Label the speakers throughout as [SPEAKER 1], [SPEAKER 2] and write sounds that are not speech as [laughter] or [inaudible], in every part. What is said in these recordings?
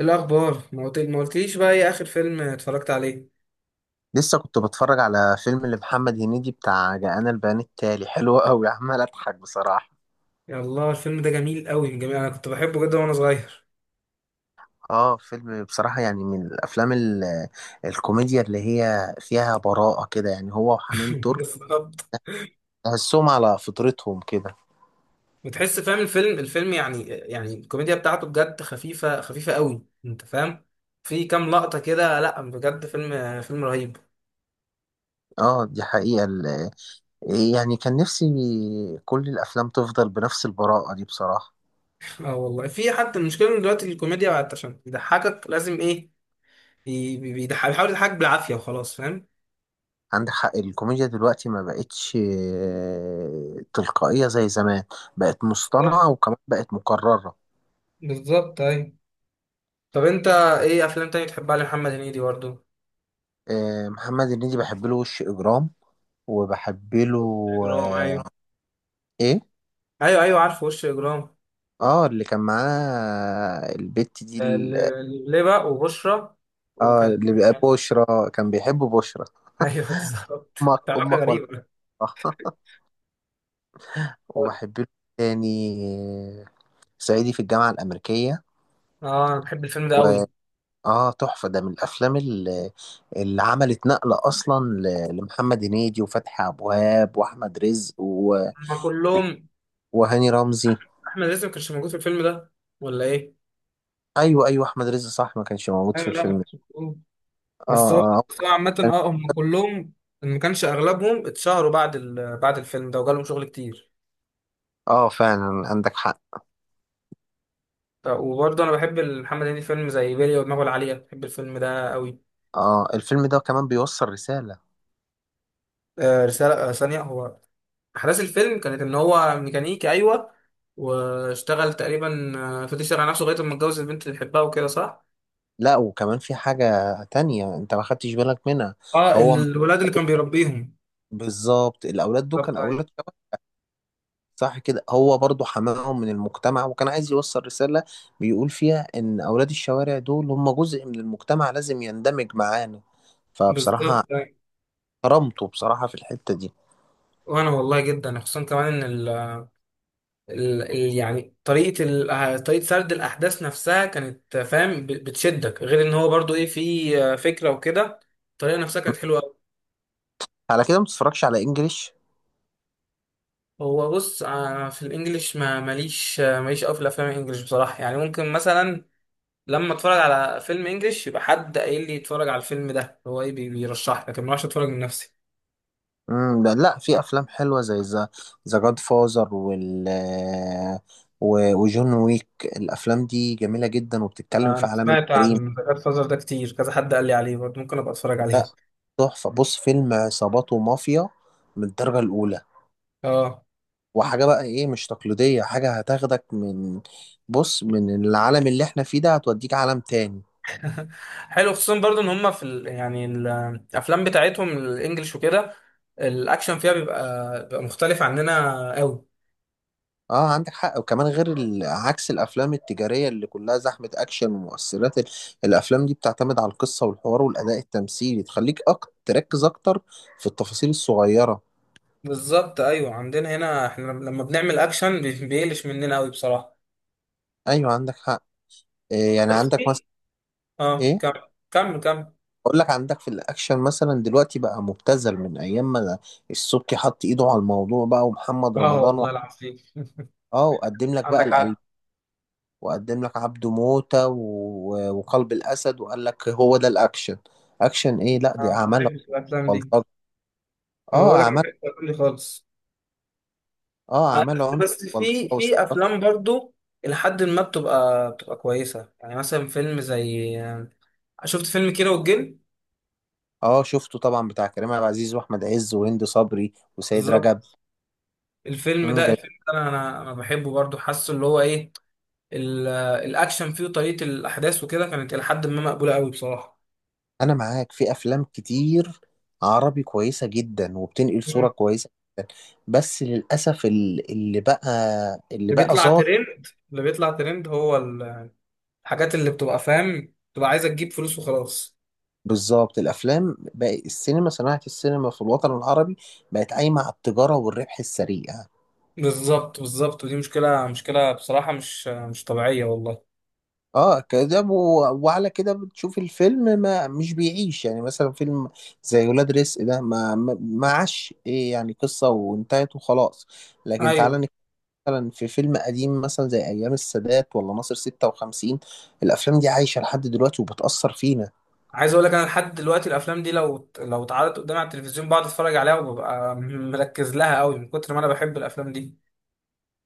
[SPEAKER 1] الأخبار، ما قلتليش بقى إيه آخر فيلم اتفرجت عليه؟
[SPEAKER 2] لسه كنت بتفرج على فيلم لمحمد هنيدي بتاع جاءنا البيان التالي [laughs] حلو قوي، عمال اضحك بصراحة.
[SPEAKER 1] يا الله، الفيلم ده جميل قوي، جميل. أنا كنت بحبه جدا وأنا صغير.
[SPEAKER 2] اه، فيلم بصراحة يعني من الافلام الكوميديا اللي هي فيها براءة كده، يعني هو
[SPEAKER 1] [laughs]
[SPEAKER 2] وحنان ترك.
[SPEAKER 1] بالظبط.
[SPEAKER 2] تحسهم على فطرتهم كده.
[SPEAKER 1] وتحس فاهم، الفيلم يعني الكوميديا بتاعته بجد خفيفة خفيفة قوي، أنت فاهم. في كام لقطة كده، لا بجد فيلم رهيب.
[SPEAKER 2] اه، دي حقيقة يعني كان نفسي كل الافلام تفضل بنفس البراءة دي بصراحة.
[SPEAKER 1] اه والله، في حتى المشكلة إن دلوقتي الكوميديا بقت عشان يضحكك لازم إيه، بيحاول يضحكك بالعافية وخلاص، فاهم.
[SPEAKER 2] عندك حق، الكوميديا دلوقتي ما بقتش تلقائية زي زمان. بقت
[SPEAKER 1] بالظبط،
[SPEAKER 2] مصطنعة، وكمان بقت مكررة.
[SPEAKER 1] بالظبط، أيوة. طب أنت، إيه أفلام تانية بتحبها لمحمد هنيدي برضه؟
[SPEAKER 2] آه، محمد هنيدي بحب له وش اجرام، وبحب له
[SPEAKER 1] إجرام،
[SPEAKER 2] آه،
[SPEAKER 1] أيوة.
[SPEAKER 2] ايه.
[SPEAKER 1] ايوه، ايوه، عارف وش اجرام.
[SPEAKER 2] اه، اللي كان معاه البت دي
[SPEAKER 1] لبلبة وبشرى.
[SPEAKER 2] اه،
[SPEAKER 1] وكان.
[SPEAKER 2] اللي بقى
[SPEAKER 1] [laughs]
[SPEAKER 2] بشرى كان بيحب بشرى.
[SPEAKER 1] ايوه،
[SPEAKER 2] [laughs]
[SPEAKER 1] بالظبط،
[SPEAKER 2] امك
[SPEAKER 1] كانت علاقه
[SPEAKER 2] امك ولا؟
[SPEAKER 1] غريبه.
[SPEAKER 2] [laughs]
[SPEAKER 1] [laughs]
[SPEAKER 2] وبحب له تاني آه، صعيدي في الجامعة الأمريكية.
[SPEAKER 1] اه، انا بحب الفيلم ده قوي.
[SPEAKER 2] تحفة، ده من الأفلام اللي عملت نقلة أصلا لمحمد هنيدي وفتحي أبو وهاب وأحمد رزق و-
[SPEAKER 1] هما كلهم.
[SPEAKER 2] وهاني رمزي.
[SPEAKER 1] احمد رزق ما كانش موجود في الفيلم ده، ولا ايه؟
[SPEAKER 2] أيوه، أيوه، أحمد رزق صح، ما كانش موجود في
[SPEAKER 1] ايوه، لا، ما
[SPEAKER 2] الفيلم.
[SPEAKER 1] كانش موجود. بس هو
[SPEAKER 2] اه،
[SPEAKER 1] بس هو عامة،
[SPEAKER 2] اه،
[SPEAKER 1] اه، هم كلهم، إن ما كانش اغلبهم اتشهروا بعد الفيلم ده وجالهم شغل كتير.
[SPEAKER 2] آه، فعلا عندك حق.
[SPEAKER 1] وبرضه انا بحب محمد هنيدي، فيلم زي بيلي ودماغه العالية، بحب الفيلم ده قوي.
[SPEAKER 2] اه، الفيلم ده كمان بيوصل رسالة.
[SPEAKER 1] رسالة، ثانية. هو أحداث الفيلم كانت إن هو ميكانيكي، أيوة، واشتغل تقريبا، فضل يشتغل على نفسه لغاية لما اتجوز البنت اللي بيحبها وكده، صح؟
[SPEAKER 2] لا، وكمان في حاجة تانية انت ما خدتش بالك منها
[SPEAKER 1] اه،
[SPEAKER 2] هو م-
[SPEAKER 1] الولاد اللي كان بيربيهم.
[SPEAKER 2] بالظبط، الاولاد دول كان
[SPEAKER 1] بالظبط، أيوة.
[SPEAKER 2] اولاد شباب. صح كده، هو برضو حماهم من المجتمع وكان عايز يوصل رسالة. بيقول فيها ان اولاد الشوارع دول هم جزء من المجتمع لازم يندمج معانا. فبصراحة
[SPEAKER 1] بالظبط، أيوة.
[SPEAKER 2] كرمته بصراحة في الحتة دي.
[SPEAKER 1] وأنا والله جدا، خصوصا كمان إن يعني طريقة ال... آه، طريقة سرد الأحداث نفسها كانت، فاهم، بتشدك، غير إن هو برضو إيه، في فكرة وكده. الطريقة نفسها كانت حلوة أوي.
[SPEAKER 2] على كده ما بتتفرجش على انجليش؟
[SPEAKER 1] هو بص، في الإنجليش ما ماليش آه، ماليش أوي في الأفلام الإنجليش بصراحة، يعني ممكن مثلا لما اتفرج على فيلم انجليش، يبقى حد قايل لي اتفرج على الفيلم ده، هو ايه، بيرشح لي. لكن ما اعرفش اتفرج من نفسي.
[SPEAKER 2] ده لا، في افلام حلوه زي ذا ذا جاد فازر وجون ويك. الافلام دي جميله جدا، وبتتكلم في
[SPEAKER 1] انا
[SPEAKER 2] عالم
[SPEAKER 1] سمعت
[SPEAKER 2] الجريمه.
[SPEAKER 1] عن جاد فازر ده كتير، كذا حد قال لي عليه برضه، ممكن ابقى اتفرج
[SPEAKER 2] لا،
[SPEAKER 1] عليه.
[SPEAKER 2] تحفه، بص فيلم عصابات ومافيا من الدرجه الاولى.
[SPEAKER 1] اه.
[SPEAKER 2] وحاجه بقى ايه مش تقليديه، حاجه هتاخدك بص من العالم اللي احنا فيه ده، هتوديك عالم تاني.
[SPEAKER 1] [laughs] حلو، خصوصا برضه ان هم في الافلام بتاعتهم الانجليش وكده، الاكشن فيها بيبقى مختلف عننا قوي.
[SPEAKER 2] اه، عندك حق، وكمان غير عكس الافلام التجاريه اللي كلها زحمه اكشن ومؤثرات الافلام دي بتعتمد على القصه والحوار والاداء التمثيلي، تخليك تركز اكتر في التفاصيل الصغيره.
[SPEAKER 1] بالظبط، ايوه، عندنا هنا احنا لما بنعمل اكشن بيقلش مننا قوي بصراحه.
[SPEAKER 2] ايوه، عندك حق. إيه يعني؟
[SPEAKER 1] بس
[SPEAKER 2] عندك
[SPEAKER 1] في.
[SPEAKER 2] مثلا
[SPEAKER 1] اه،
[SPEAKER 2] ايه.
[SPEAKER 1] كمل، كمل، كمل.
[SPEAKER 2] اقول لك، عندك في الاكشن مثلا دلوقتي بقى مبتذل من ايام ما السبكي حط ايده على الموضوع بقى، ومحمد
[SPEAKER 1] اه
[SPEAKER 2] رمضان و.
[SPEAKER 1] والله العظيم.
[SPEAKER 2] اه، وقدم لك بقى
[SPEAKER 1] عندك
[SPEAKER 2] القلب.
[SPEAKER 1] حق.
[SPEAKER 2] وقدم لك عبده موتة و. وقلب الاسد، وقال لك هو ده الاكشن. اكشن ايه؟ لا،
[SPEAKER 1] أنا
[SPEAKER 2] دي
[SPEAKER 1] ما
[SPEAKER 2] اعمال
[SPEAKER 1] بحبش الأفلام دي.
[SPEAKER 2] بلطجة.
[SPEAKER 1] أنا
[SPEAKER 2] اه
[SPEAKER 1] بقول لك ما
[SPEAKER 2] عمل
[SPEAKER 1] بحبش الأفلام دي خالص.
[SPEAKER 2] اه، عمل عنف،
[SPEAKER 1] بس
[SPEAKER 2] بلطجة
[SPEAKER 1] في
[SPEAKER 2] واستعراض
[SPEAKER 1] أفلام
[SPEAKER 2] كورة.
[SPEAKER 1] برضو إلى حد ما بتبقى كويسة، يعني مثلا فيلم زي. شفت فيلم كيرة والجن؟
[SPEAKER 2] اه، شفته طبعا، بتاع كريم عبد العزيز واحمد عز وهند صبري وسيد
[SPEAKER 1] بالظبط،
[SPEAKER 2] رجب.
[SPEAKER 1] الفيلم
[SPEAKER 2] مم،
[SPEAKER 1] ده
[SPEAKER 2] جميل.
[SPEAKER 1] الفيلم ده أنا بحبه برضو، حاسه اللي هو إيه، الأكشن فيه وطريقة الأحداث وكده كانت إلى حد ما مقبولة قوي بصراحة.
[SPEAKER 2] انا معاك، في افلام كتير عربي كويسة جدا وبتنقل صورة
[SPEAKER 1] مم.
[SPEAKER 2] كويسة. بس للاسف اللي بقى اللي
[SPEAKER 1] اللي
[SPEAKER 2] بقى
[SPEAKER 1] بيطلع
[SPEAKER 2] ظاهر.
[SPEAKER 1] ترند اللي بيطلع ترند هو الحاجات اللي بتبقى، فاهم، بتبقى عايزة تجيب فلوس وخلاص.
[SPEAKER 2] بالظبط، الافلام بقى صناعة السينما في الوطن العربي بقت قايمة على التجارة والربح السريع.
[SPEAKER 1] بالظبط، بالظبط، ودي مشكلة، مشكلة بصراحة، مش طبيعية والله.
[SPEAKER 2] اه كده، وعلى كده بتشوف الفيلم ما مش بيعيش، يعني مثلا فيلم زي ولاد رزق ده ما عاش، ايه يعني، قصة وانتهت وخلاص. لكن تعالى
[SPEAKER 1] أيوة.
[SPEAKER 2] نتكلم، مثلا في فيلم قديم مثلا زي ايام السادات ولا ناصر 56. الافلام دي عايشة لحد دلوقتي وبتأثر فينا.
[SPEAKER 1] عايز أقول لك، أنا لحد دلوقتي الأفلام دي لو اتعرضت قدامي على التلفزيون بقعد أتفرج عليها وببقى مركز لها أوي من كتر ما أنا بحب الأفلام دي.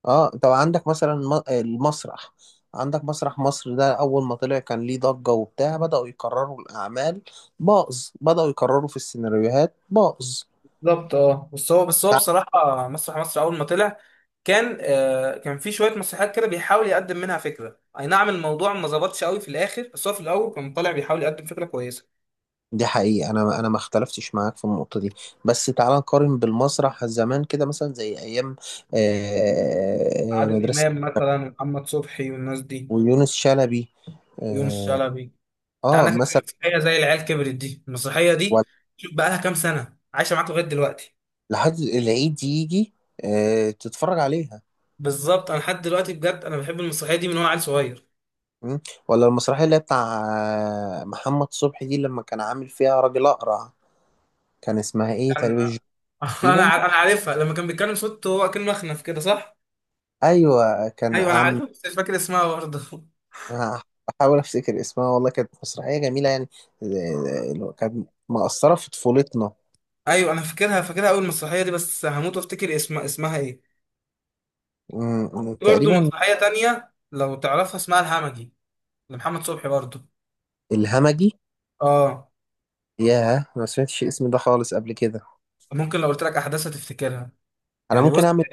[SPEAKER 2] اه، طب عندك مثلا المسرح. عندك مسرح مصر ده، اول ما طلع كان ليه ضجة وبتاع، بدأوا يكرروا الاعمال. باظ، بدأوا يكرروا في السيناريوهات باظ.
[SPEAKER 1] بالظبط، أه، بس هو بصراحة مسرح مصر أول ما طلع كان في شوية مسرحيات كده بيحاول يقدم منها فكرة، أي نعم الموضوع ما ظبطش أوي في الآخر، بس هو في الأول كان طالع بيحاول يقدم فكرة كويسة.
[SPEAKER 2] دي حقيقة، أنا ما اختلفتش معاك في النقطة دي. بس تعال نقارن بالمسرح زمان كده، مثلا زي أيام
[SPEAKER 1] عادل
[SPEAKER 2] مدرسة.
[SPEAKER 1] إمام مثلا، ومحمد صبحي، والناس دي.
[SPEAKER 2] ويونس شلبي
[SPEAKER 1] ويونس
[SPEAKER 2] آه,
[SPEAKER 1] شلبي. انت عندك
[SPEAKER 2] مثلا.
[SPEAKER 1] مسرحيه زي العيال كبرت، دي المسرحيه دي
[SPEAKER 2] ولا-
[SPEAKER 1] شوف بقى لها كام سنه عايشه معاك لغايه دلوقتي.
[SPEAKER 2] لحد العيد يجي، تتفرج عليها.
[SPEAKER 1] بالظبط، انا لحد دلوقتي بجد انا بحب المسرحيه دي من وانا عيل صغير.
[SPEAKER 2] مم. ولا المسرحية اللي هي بتاع محمد صبحي دي، لما كان عامل فيها راجل أقرع. كان اسمها إيه؟ تقريبا
[SPEAKER 1] انا [laughs]
[SPEAKER 2] تقريبا.
[SPEAKER 1] انا عارفها، لما كان بيتكلم صوته هو كان مخنف كده، صح؟
[SPEAKER 2] أيوة، كان
[SPEAKER 1] ايوه، انا
[SPEAKER 2] عم.
[SPEAKER 1] عارفها بس مش فاكر اسمها برضه. [laughs]
[SPEAKER 2] أنا بحاول افتكر اسمها والله، كانت مسرحيه جميله يعني. آه، اللي هو كانت مأثره في طفولتنا.
[SPEAKER 1] ايوه، انا فاكرها اول مسرحيه دي، بس هموت وافتكر اسمها ايه؟
[SPEAKER 2] مم،
[SPEAKER 1] في برضه
[SPEAKER 2] تقريبا.
[SPEAKER 1] مسرحيه تانية لو تعرفها، اسمها الهمجي، لمحمد صبحي برضه.
[SPEAKER 2] الهمجي.
[SPEAKER 1] اه.
[SPEAKER 2] ياه، ما سمعتش الاسم ده خالص قبل كده.
[SPEAKER 1] ممكن لو قلت لك احداثها تفتكرها؟
[SPEAKER 2] انا
[SPEAKER 1] يعني بص،
[SPEAKER 2] ممكن اعمل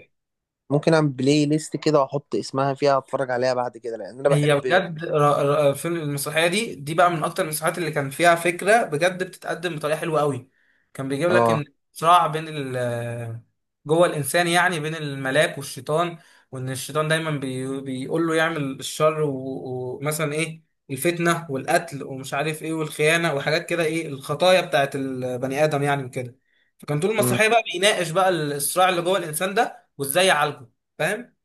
[SPEAKER 2] ممكن اعمل بلاي ليست كده، واحط اسمها فيها، اتفرج عليها بعد كده، لان انا
[SPEAKER 1] هي
[SPEAKER 2] بحب.
[SPEAKER 1] بجد المسرحيه دي بقى من اكتر المسرحيات اللي كان فيها فكره، بجد بتتقدم بطريقه حلوه قوي. كان بيجيب لك
[SPEAKER 2] اه.
[SPEAKER 1] ان صراع بين جوه الانسان، يعني بين الملاك والشيطان، وان الشيطان دايما بيقول له يعمل الشر، ومثلا ايه، الفتنه والقتل ومش عارف ايه، والخيانه وحاجات كده، ايه، الخطايا بتاعت البني ادم يعني وكده. فكان طول
[SPEAKER 2] مم.
[SPEAKER 1] المسرحيه بقى بيناقش بقى الصراع اللي جوه الانسان ده، وازاي يعالجه، فاهم؟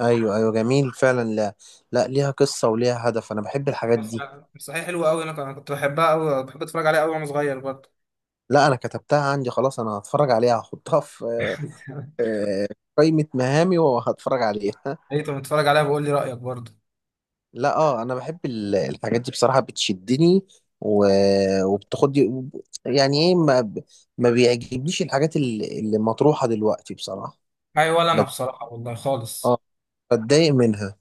[SPEAKER 2] ايوه، ايوه، جميل فعلا. لا، لا، ليها قصه وليها هدف، انا بحب الحاجات
[SPEAKER 1] بس
[SPEAKER 2] دي.
[SPEAKER 1] مسرحية حلوة أوي، أنا كنت بحبها أوي، بحب أتفرج عليها أوي وأنا صغير برضه.
[SPEAKER 2] لا، انا كتبتها عندي خلاص، انا هتفرج عليها، هحطها في
[SPEAKER 1] [laughs]
[SPEAKER 2] آه، قائمه مهامي وهتفرج عليها.
[SPEAKER 1] أي، طب بتتفرج عليها بقول لي رأيك برضه.
[SPEAKER 2] لا، اه، انا بحب الحاجات دي بصراحه، بتشدني و... وبتاخدني يعني ايه ما بيعجبنيش الحاجات اللي مطروحه دلوقتي بصراحه.
[SPEAKER 1] أي ولا، أنا
[SPEAKER 2] بت...
[SPEAKER 1] بصراحة والله خالص.
[SPEAKER 2] اه بتضايق منها.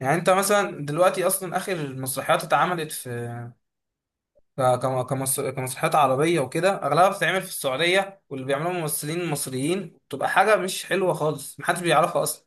[SPEAKER 1] يعني أنت مثلا دلوقتي أصلا آخر مسرحيات اتعملت في كمسرحيات عربية وكده، أغلبها بتتعمل في السعودية واللي بيعملوها ممثلين مصريين، بتبقى حاجة مش حلوة خالص، محدش بيعرفها أصلا.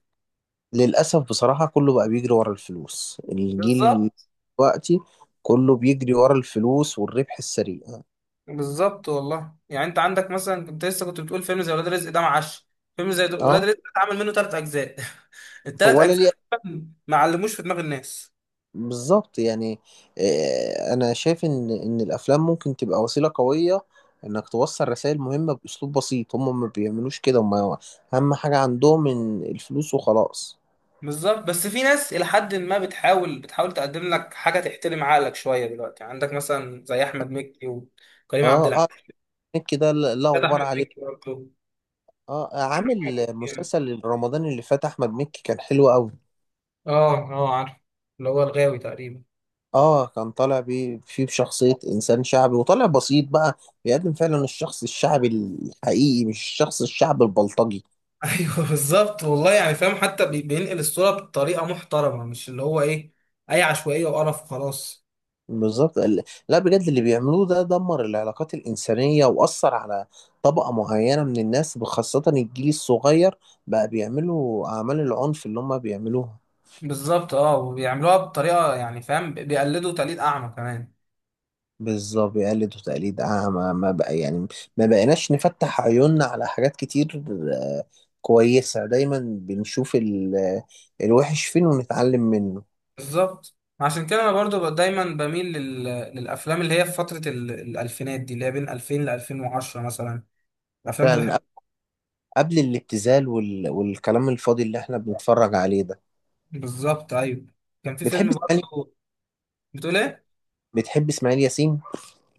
[SPEAKER 2] للاسف بصراحه، كله بقى بيجري ورا الفلوس. الجيل
[SPEAKER 1] بالظبط،
[SPEAKER 2] دلوقتي كله بيجري ورا الفلوس والربح السريع.
[SPEAKER 1] بالظبط، والله يعني، انت عندك مثلا، انت لسه كنت بتقول فيلم زي ولاد رزق ده معاش. فيلم زي ولاد
[SPEAKER 2] اه،
[SPEAKER 1] رزق ده اتعمل منه ثلاث اجزاء. [laughs] الثلاث
[SPEAKER 2] ولا
[SPEAKER 1] اجزاء
[SPEAKER 2] ليه،
[SPEAKER 1] تقريباً ما علموش في دماغ الناس.
[SPEAKER 2] بالظبط يعني. انا شايف ان الافلام ممكن تبقى وسيله قويه، انك توصل رسائل مهمه باسلوب بسيط. هم ما بيعملوش كده، هم اهم حاجه عندهم ان الفلوس وخلاص.
[SPEAKER 1] بالظبط، بس في ناس الى حد ما بتحاول تقدم لك حاجه تحترم عقلك شويه، دلوقتي عندك مثلا زي احمد مكي وكريم
[SPEAKER 2] اه،
[SPEAKER 1] عبد
[SPEAKER 2] اه،
[SPEAKER 1] العزيز.
[SPEAKER 2] مكي ده، لا، لا
[SPEAKER 1] لا، ده احمد
[SPEAKER 2] غبار عليه.
[SPEAKER 1] مكي برضه.
[SPEAKER 2] اه، عامل مسلسل رمضان اللي فات، احمد مكي كان حلو قوي.
[SPEAKER 1] اه، اه، عارف، اللي هو الغاوي تقريبا.
[SPEAKER 2] اه، كان طالع بيه فيه بشخصيه انسان شعبي وطالع بسيط بقى. بيقدم فعلا الشخص الشعبي الحقيقي، مش الشخص الشعبي البلطجي.
[SPEAKER 1] ايوه. [laughs] بالظبط، والله يعني، فاهم، حتى بينقل الصوره بطريقه محترمه، مش اللي هو ايه، اي عشوائيه وقرف وخلاص.
[SPEAKER 2] بالظبط، لا، بجد اللي بيعملوه ده دمر العلاقات الإنسانية، وأثر على طبقة معينة من الناس خاصة الجيل الصغير. بقى بيعملوا أعمال العنف اللي هم بيعملوها.
[SPEAKER 1] بالظبط، اه، وبيعملوها بطريقه، يعني فاهم، بيقلدوا تقليد اعمى كمان.
[SPEAKER 2] بالظبط بيقلدوا تقليد أعمى، ما بقى يعني، ما بقيناش نفتح عيوننا على حاجات كتير. آه، كويسة، دايما بنشوف الوحش فين ونتعلم منه.
[SPEAKER 1] بالظبط، عشان كده انا برضو دايما بميل للافلام اللي هي في فتره الالفينات دي اللي هي بين 2000 ل 2010 مثلا. الافلام دي
[SPEAKER 2] فعلا،
[SPEAKER 1] بحب.
[SPEAKER 2] قبل الابتذال والكلام الفاضي اللي احنا بنتفرج عليه ده.
[SPEAKER 1] بالظبط، ايوه. كان في
[SPEAKER 2] بتحب
[SPEAKER 1] فيلم
[SPEAKER 2] اسماعيل
[SPEAKER 1] برضو. بتقول ايه؟
[SPEAKER 2] بتحب اسماعيل ياسين؟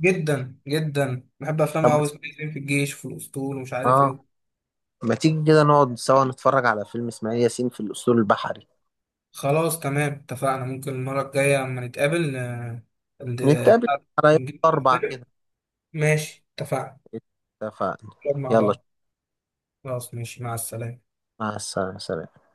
[SPEAKER 1] جدا جدا بحب افلامه
[SPEAKER 2] طب ما
[SPEAKER 1] قوي.
[SPEAKER 2] ت-
[SPEAKER 1] اسمه إيه؟ في الجيش وفي الاسطول ومش عارف
[SPEAKER 2] اه
[SPEAKER 1] ايه.
[SPEAKER 2] ما تيجي كده نقعد سوا نتفرج على فيلم اسماعيل ياسين في الأسطول البحري.
[SPEAKER 1] خلاص، تمام، اتفقنا. ممكن المرة الجاية لما نتقابل، ال-
[SPEAKER 2] نتقابل
[SPEAKER 1] بتاع-
[SPEAKER 2] على يوم 4
[SPEAKER 1] نجيب-
[SPEAKER 2] كده.
[SPEAKER 1] ماشي، اتفقنا.
[SPEAKER 2] اتفقنا.
[SPEAKER 1] نقعد مع
[SPEAKER 2] يلا،
[SPEAKER 1] بعض. خلاص، ماشي، مع السلامة.
[SPEAKER 2] مع السلامة، سلام.